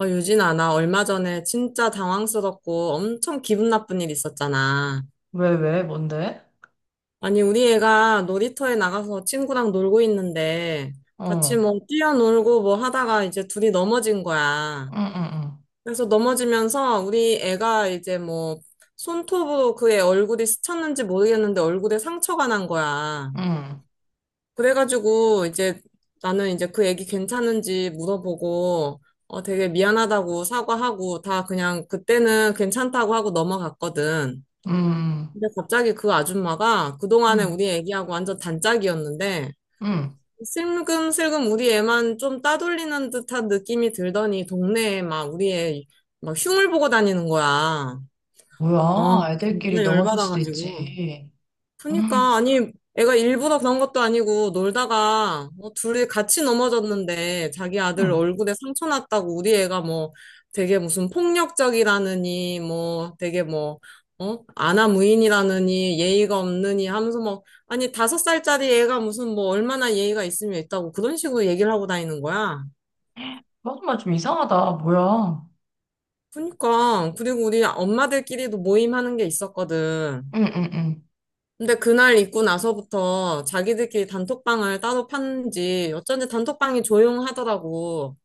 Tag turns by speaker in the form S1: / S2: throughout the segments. S1: 유진아, 나 얼마 전에 진짜 당황스럽고 엄청 기분 나쁜 일 있었잖아.
S2: 왜, 왜, 뭔데?
S1: 아니, 우리 애가 놀이터에 나가서 친구랑 놀고 있는데 같이
S2: 어,
S1: 뭐 뛰어놀고 뭐 하다가 이제 둘이 넘어진 거야.
S2: 응, 응,
S1: 그래서 넘어지면서 우리 애가 이제 뭐 손톱으로 그의 얼굴이 스쳤는지 모르겠는데 얼굴에 상처가 난 거야.
S2: 응, 응,
S1: 그래가지고 이제 나는 이제 그 애기 괜찮은지 물어보고 되게 미안하다고 사과하고 다 그냥 그때는 괜찮다고 하고 넘어갔거든.
S2: 응,
S1: 근데 갑자기 그 아줌마가 그동안에
S2: 응,
S1: 우리 애기하고 완전 단짝이었는데
S2: 응.
S1: 슬금슬금 우리 애만 좀 따돌리는 듯한 느낌이 들더니 동네에 막 우리 애 막 흉을 보고 다니는 거야.
S2: 뭐야, 애들끼리
S1: 진짜
S2: 넘어질 수도
S1: 열받아가지고.
S2: 있지. 응,
S1: 그니까, 아니, 애가 일부러 그런 것도 아니고, 놀다가, 뭐, 둘이 같이 넘어졌는데, 자기 아들
S2: 응.
S1: 얼굴에 상처 났다고, 우리 애가 뭐, 되게 무슨 폭력적이라느니, 뭐, 되게 뭐, 어? 아나무인이라느니, 예의가 없느니 하면서 뭐, 아니, 5살짜리 애가 무슨 뭐, 얼마나 예의가 있으면 있다고, 그런 식으로 얘기를 하고 다니는 거야.
S2: 정말 좀 이상하다, 뭐야.
S1: 그니까, 그리고 우리 엄마들끼리도 모임하는 게 있었거든.
S2: 응, 응, 응.
S1: 근데 그날 입고 나서부터 자기들끼리 단톡방을 따로 팠는지 어쩐지 단톡방이 조용하더라고.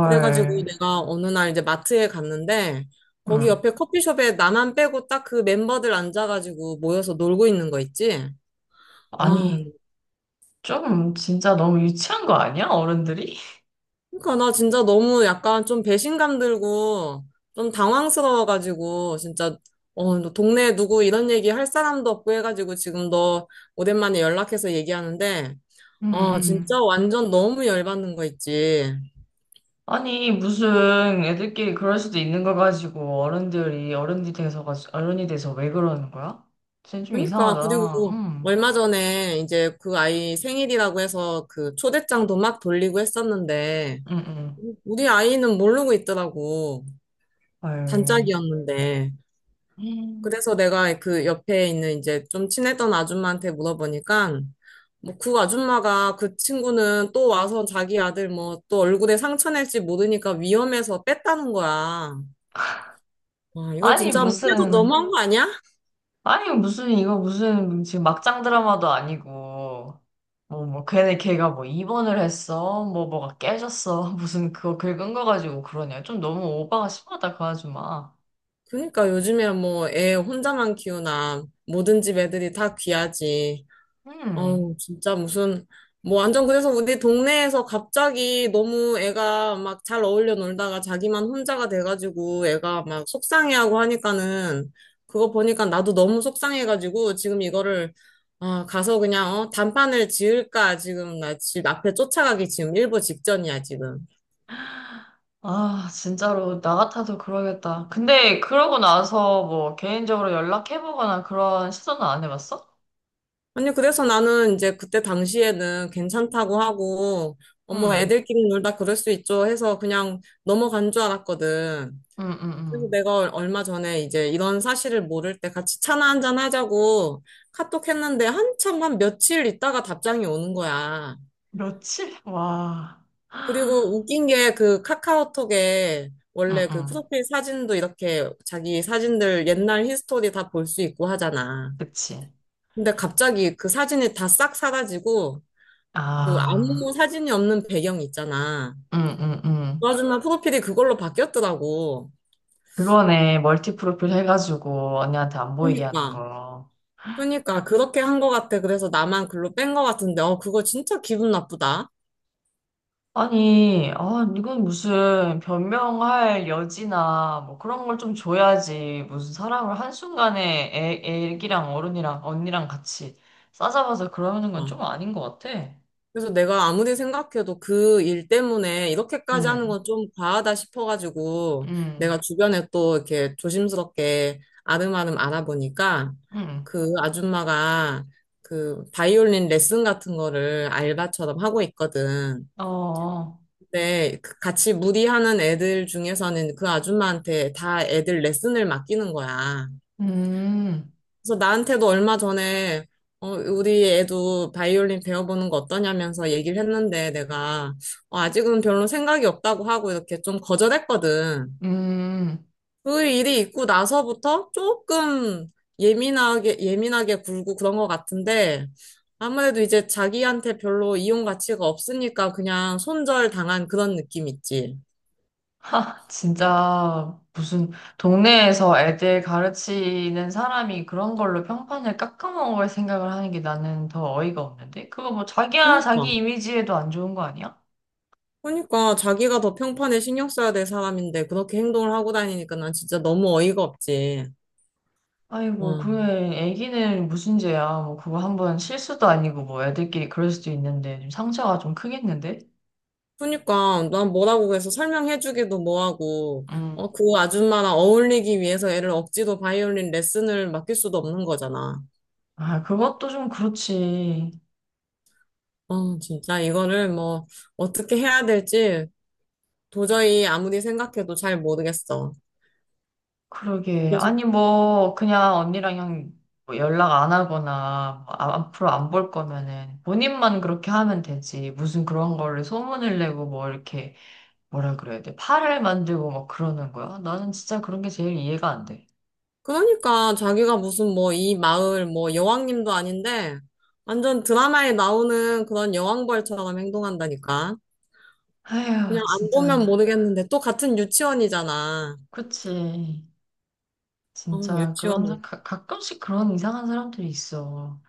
S1: 그래가지고 내가 어느 날 이제 마트에 갔는데 거기
S2: 응.
S1: 옆에 커피숍에 나만 빼고 딱 그 멤버들 앉아가지고 모여서 놀고 있는 거 있지? 와,
S2: 아니, 좀 진짜 너무 유치한 거 아니야, 어른들이?
S1: 그러니까 나 진짜 너무 약간 좀 배신감 들고 좀 당황스러워가지고 진짜 너 동네에 누구 이런 얘기 할 사람도 없고 해가지고 지금 너 오랜만에 연락해서 얘기하는데
S2: 응, 응.
S1: 진짜 완전 너무 열받는 거 있지.
S2: 아니, 무슨 애들끼리 그럴 수도 있는 거 가지고 어른들이 어른이 돼서, 어른이 돼서 왜 그러는 거야? 쟤좀
S1: 그러니까,
S2: 이상하다.
S1: 그리고
S2: 응,
S1: 얼마 전에 이제 그 아이 생일이라고 해서 그 초대장도 막 돌리고 했었는데,
S2: 응, 응.
S1: 우리 아이는 모르고 있더라고.
S2: 헐.
S1: 단짝이었는데.
S2: 음.
S1: 그래서 내가 그 옆에 있는 이제 좀 친했던 아줌마한테 물어보니까, 뭐 그 아줌마가 그 친구는 또 와서 자기 아들 뭐 또 얼굴에 상처 낼지 모르니까 위험해서 뺐다는 거야. 와, 이거
S2: 아니,
S1: 진짜 뭐 해도
S2: 무슨,
S1: 너무한 거 아니야?
S2: 아니, 무슨, 이거 무슨, 지금 막장 드라마도 아니고, 뭐, 뭐, 걔네 걔가 뭐 입원을 했어, 뭐, 뭐가 깨졌어, 무슨 그거 긁은 거 가지고 그러냐. 좀 너무 오바가 심하다, 그 아줌마.
S1: 그러니까 요즘에 뭐 애 혼자만 키우나 모든 집 애들이 다 귀하지.
S2: 음.
S1: 어우, 진짜 무슨 뭐 완전 그래서 우리 동네에서 갑자기 너무 애가 막 잘 어울려 놀다가 자기만 혼자가 돼가지고 애가 막 속상해하고 하니까는 그거 보니까 나도 너무 속상해가지고 지금 이거를 아, 가서 그냥 단판을 지을까 지금 나 집 앞에 쫓아가기 지금 일보 직전이야 지금.
S2: 아, 진짜로, 나 같아도 그러겠다. 근데, 그러고 나서 뭐, 개인적으로 연락해보거나 그런 시도는 안 해봤어?
S1: 아니, 그래서 나는 이제 그때 당시에는 괜찮다고 하고, 어머,
S2: 음,
S1: 애들끼리 놀다 그럴 수 있죠 해서 그냥 넘어간 줄 알았거든.
S2: 음, 음,
S1: 그래서
S2: 음.
S1: 내가 얼마 전에 이제 이런 사실을 모를 때 같이 차나 한잔 하자고 카톡 했는데 한참 한 며칠 있다가 답장이 오는 거야.
S2: 며칠? 와.
S1: 그리고 웃긴 게 그 카카오톡에
S2: 음,
S1: 원래 그
S2: 음.
S1: 프로필 사진도 이렇게 자기 사진들 옛날 히스토리 다 볼 수 있고 하잖아.
S2: 그치.
S1: 근데 갑자기 그 사진이 다 싹 사라지고, 그
S2: 아,
S1: 아무 사진이 없는 배경 있잖아.
S2: 응응응.
S1: 그 아줌마 프로필이 그걸로 바뀌었더라고.
S2: 그거네. 멀티 프로필 해가지고 언니한테 안 보이게 하는
S1: 그니까.
S2: 거.
S1: 그니까 그렇게 한 것 같아. 그래서 나만 글로 뺀 것 같은데, 그거 진짜 기분 나쁘다.
S2: 아니, 아, 이건 무슨 변명할 여지나 뭐 그런 걸 좀 줘야지. 무슨 사람을 한순간에 애, 애기랑 어른이랑 언니랑 같이 싸잡아서 그러는 건 좀
S1: 어.
S2: 아닌 것 같아.
S1: 그래서 내가 아무리 생각해도 그 일 때문에 이렇게까지 하는
S2: 응,
S1: 건 좀 과하다 싶어가지고, 내가
S2: 음,
S1: 주변에 또 이렇게 조심스럽게 아름아름 알아보니까,
S2: 음.
S1: 그 아줌마가 그 바이올린 레슨 같은 거를 알바처럼 하고 있거든.
S2: 어,
S1: 네, 그 같이 무리하는 애들 중에서는 그 아줌마한테 다 애들 레슨을 맡기는 거야.
S2: 음,
S1: 그래서 나한테도 얼마 전에 우리 애도 바이올린 배워보는 거 어떠냐면서 얘기를 했는데 내가 아직은 별로 생각이 없다고 하고 이렇게 좀 거절했거든.
S2: 음.
S1: 그 일이 있고 나서부터 조금 예민하게, 예민하게 굴고 그런 것 같은데 아무래도 이제 자기한테 별로 이용 가치가 없으니까 그냥 손절 당한 그런 느낌 있지.
S2: 하, 진짜 무슨 동네에서 애들 가르치는 사람이 그런 걸로 평판을 깎아먹을 생각을 하는 게 나는 더 어이가 없는데? 그거 뭐 자기야
S1: 그니까.
S2: 자기 이미지에도 안 좋은 거 아니야?
S1: 그러니까 자기가 더 평판에 신경 써야 될 사람인데 그렇게 행동을 하고 다니니까 난 진짜 너무 어이가 없지.
S2: 아이고,
S1: 어.
S2: 그래, 애기는 무슨 죄야. 뭐 그거 한번 실수도 아니고 뭐 애들끼리 그럴 수도 있는데 좀 상처가 좀 크겠는데?
S1: 그러니까 난 뭐라고 해서 설명해주기도 뭐하고
S2: 음.
S1: 그 아줌마랑 어울리기 위해서 애를 억지로 바이올린 레슨을 맡길 수도 없는 거잖아.
S2: 아, 그것도 좀 그렇지.
S1: 진짜 이거를 뭐 어떻게 해야 될지 도저히 아무리 생각해도 잘 모르겠어.
S2: 그러게. 아니, 뭐, 그냥 언니랑 형뭐 연락 안 하거나, 뭐 앞으로 안 볼 거면은, 본인만 그렇게 하면 되지. 무슨 그런 거를 소문을 내고, 뭐, 이렇게, 뭐라 그래야 돼. 팔을 만들고 막 그러는 거야. 나는 진짜 그런 게 제일 이해가 안 돼.
S1: 그러니까 자기가 무슨 뭐 이 마을 뭐 여왕님도 아닌데 완전 드라마에 나오는 그런 여왕벌처럼 행동한다니까. 그냥
S2: 아휴,
S1: 안
S2: 진짜.
S1: 보면 모르겠는데 또 같은 유치원이잖아.
S2: 그치.
S1: 어,
S2: 진짜, 그런,
S1: 유치원.
S2: 가, 가끔씩 그런 이상한 사람들이 있어.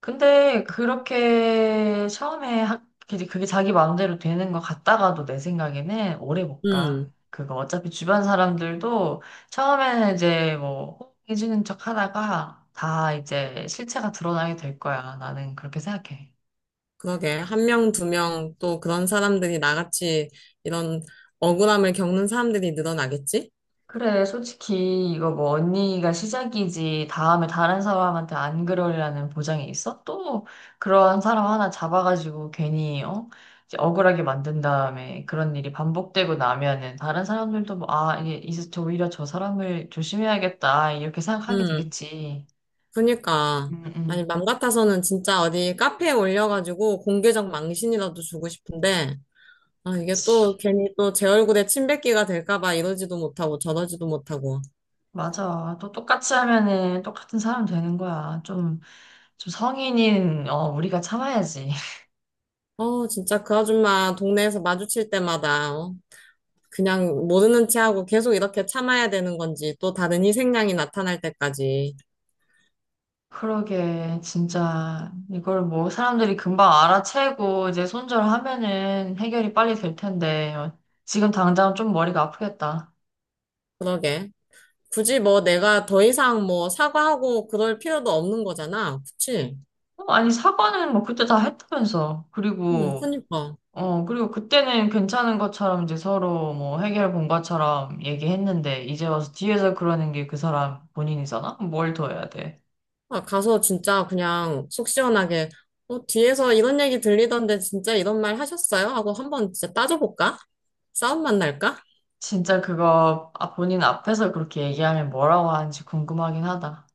S2: 근데 그렇게 처음에 학, 그게 자기 마음대로 되는 것 같다가도 내 생각에는 오래 못 가.
S1: 음,
S2: 그거 어차피 주변 사람들도 처음에는 이제 뭐 호응해주는 척 하다가 다 이제 실체가 드러나게 될 거야. 나는 그렇게 생각해.
S1: 그러게. 1명, 2명 또 그런 사람들이 나같이 이런 억울함을 겪는 사람들이 늘어나겠지?
S2: 그래, 솔직히 이거 뭐 언니가 시작이지 다음에 다른 사람한테 안 그러리라는 보장이 있어? 또 그런 사람 하나 잡아가지고 괜히, 어? 이제 억울하게 만든 다음에 그런 일이 반복되고 나면은 다른 사람들도 뭐, 아, 이게 이제 저 오히려 저 사람을 조심해야겠다 이렇게 생각하게
S1: 음,
S2: 되겠지.
S1: 그니까.
S2: 음,
S1: 아니,
S2: 음.
S1: 맘 같아서는 진짜 어디 카페에 올려가지고 공개적 망신이라도 주고 싶은데 아, 이게
S2: 그치.
S1: 또 괜히 또 제 얼굴에 침 뱉기가 될까 봐 이러지도 못하고 저러지도 못하고.
S2: 맞아. 또 똑같이 하면은 똑같은 사람 되는 거야. 좀, 좀 성인인, 어, 우리가 참아야지.
S1: 진짜 그 아줌마 동네에서 마주칠 때마다 그냥 모르는 체하고 계속 이렇게 참아야 되는 건지 또 다른 희생양이 나타날 때까지.
S2: 그러게, 진짜. 이걸 뭐 사람들이 금방 알아채고 이제 손절하면은 해결이 빨리 될 텐데, 어, 지금 당장 좀 머리가 아프겠다.
S1: 그러게. 굳이 뭐 내가 더 이상 뭐 사과하고 그럴 필요도 없는 거잖아. 그치?
S2: 어, 아니, 사과는 뭐 그때 다 했다면서. 그리고,
S1: 그니까.
S2: 어, 그리고 그때는 괜찮은 것처럼 이제 서로 뭐 해결 본 것처럼 얘기했는데, 이제 와서 뒤에서 그러는 게 그 사람 본인이잖아? 뭘 더 해야 돼?
S1: 아, 가서 진짜 그냥 속 시원하게 뒤에서 이런 얘기 들리던데 진짜 이런 말 하셨어요? 하고 한번 진짜 따져볼까? 싸움만 날까?
S2: 진짜 그거, 아, 본인 앞에서 그렇게 얘기하면 뭐라고 하는지 궁금하긴 하다.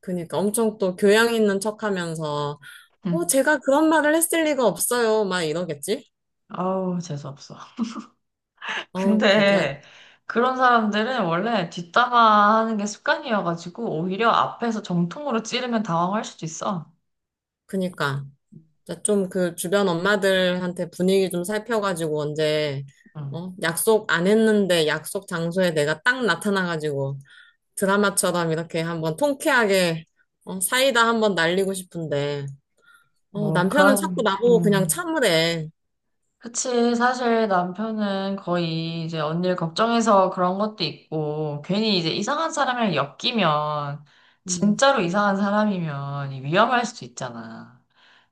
S1: 그니까 엄청 또 교양 있는 척하면서
S2: 응.
S1: 제가 그런 말을 했을 리가 없어요 막 이러겠지?
S2: 아우, 재수없어.
S1: 어 진짜
S2: 근데 그런 사람들은 원래 뒷담화 하는 게 습관이어가지고 오히려 앞에서 정통으로 찌르면 당황할 수도 있어.
S1: 그니까 좀 그 주변 엄마들한테 분위기 좀 살펴가지고 언제
S2: 응.
S1: 약속 안 했는데 약속 장소에 내가 딱 나타나가지고 드라마처럼 이렇게 한번 통쾌하게 사이다 한번 날리고 싶은데
S2: 뭐, 그,
S1: 남편은 자꾸
S2: 한-
S1: 나보고 그냥 참으래.
S2: 그치. 사실 남편은 거의 이제 언니를 걱정해서 그런 것도 있고, 괜히 이제 이상한 사람이랑 엮이면,
S1: 음
S2: 진짜로 이상한 사람이면 위험할 수도 있잖아.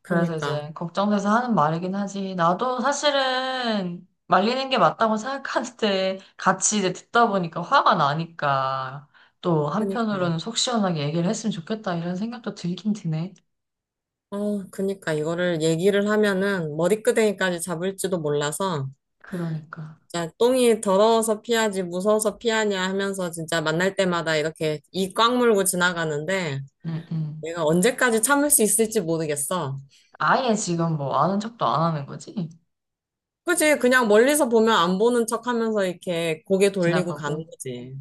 S2: 그래서
S1: 그니까
S2: 이제 걱정돼서 하는 말이긴 하지. 나도 사실은 말리는 게 맞다고 생각하는데 같이 이제 듣다 보니까 화가 나니까 또
S1: 그니까
S2: 한편으로는 속 시원하게 얘기를 했으면 좋겠다 이런 생각도 들긴 드네.
S1: 그니까 이거를 얘기를 하면은 머리끄댕이까지 잡을지도 몰라서
S2: 그러니까.
S1: 진짜 똥이 더러워서 피하지 무서워서 피하냐 하면서 진짜 만날 때마다 이렇게 이 꽉 물고 지나가는데
S2: 응, 응.
S1: 내가 언제까지 참을 수 있을지 모르겠어.
S2: 아예 지금 뭐 아는 척도 안 하는 거지?
S1: 그지? 그냥 멀리서 보면 안 보는 척 하면서 이렇게 고개 돌리고 가는
S2: 지나가고.
S1: 거지.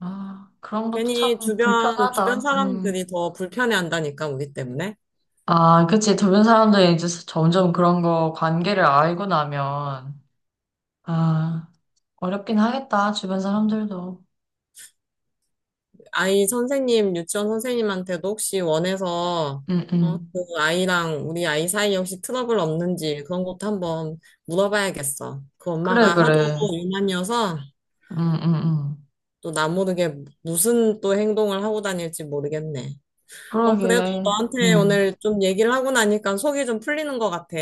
S2: 아, 그런 것도
S1: 괜히
S2: 참
S1: 주변
S2: 불편하다. 음.
S1: 사람들이 더 불편해 한다니까, 우리 때문에.
S2: 아, 그치. 주변 사람들이 이제 점점 그런 거 관계를 알고 나면, 아, 어렵긴 하겠다, 주변 사람들도.
S1: 아이 선생님, 유치원 선생님한테도 혹시 원해서,
S2: 응, 응.
S1: 그 아이랑 우리 아이 사이에 혹시 트러블 없는지 그런 것도 한번 물어봐야겠어. 그
S2: 그래,
S1: 엄마가 하도
S2: 그래.
S1: 유난이어서
S2: 응, 응, 응.
S1: 또 나 모르게 무슨 또 행동을 하고 다닐지 모르겠네. 그래도
S2: 그러게.
S1: 너한테
S2: 응.
S1: 오늘 좀 얘기를 하고 나니까 속이 좀 풀리는 것 같아.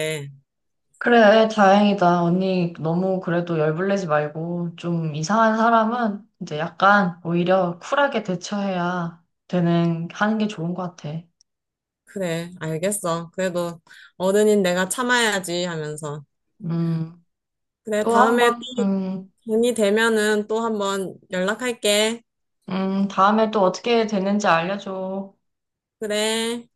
S2: 그래, 다행이다. 언니, 너무 그래도 열불내지 말고, 좀 이상한 사람은 이제 약간 오히려 쿨하게 대처해야 되는, 하는 게 좋은 것 같아.
S1: 그래, 알겠어. 그래도 어른인 내가 참아야지 하면서.
S2: 음,
S1: 그래,
S2: 또 한
S1: 다음에
S2: 번,
S1: 또 돈이 되면은 또 한번 연락할게.
S2: 다음에 또 어떻게 되는지 알려줘.
S1: 그래.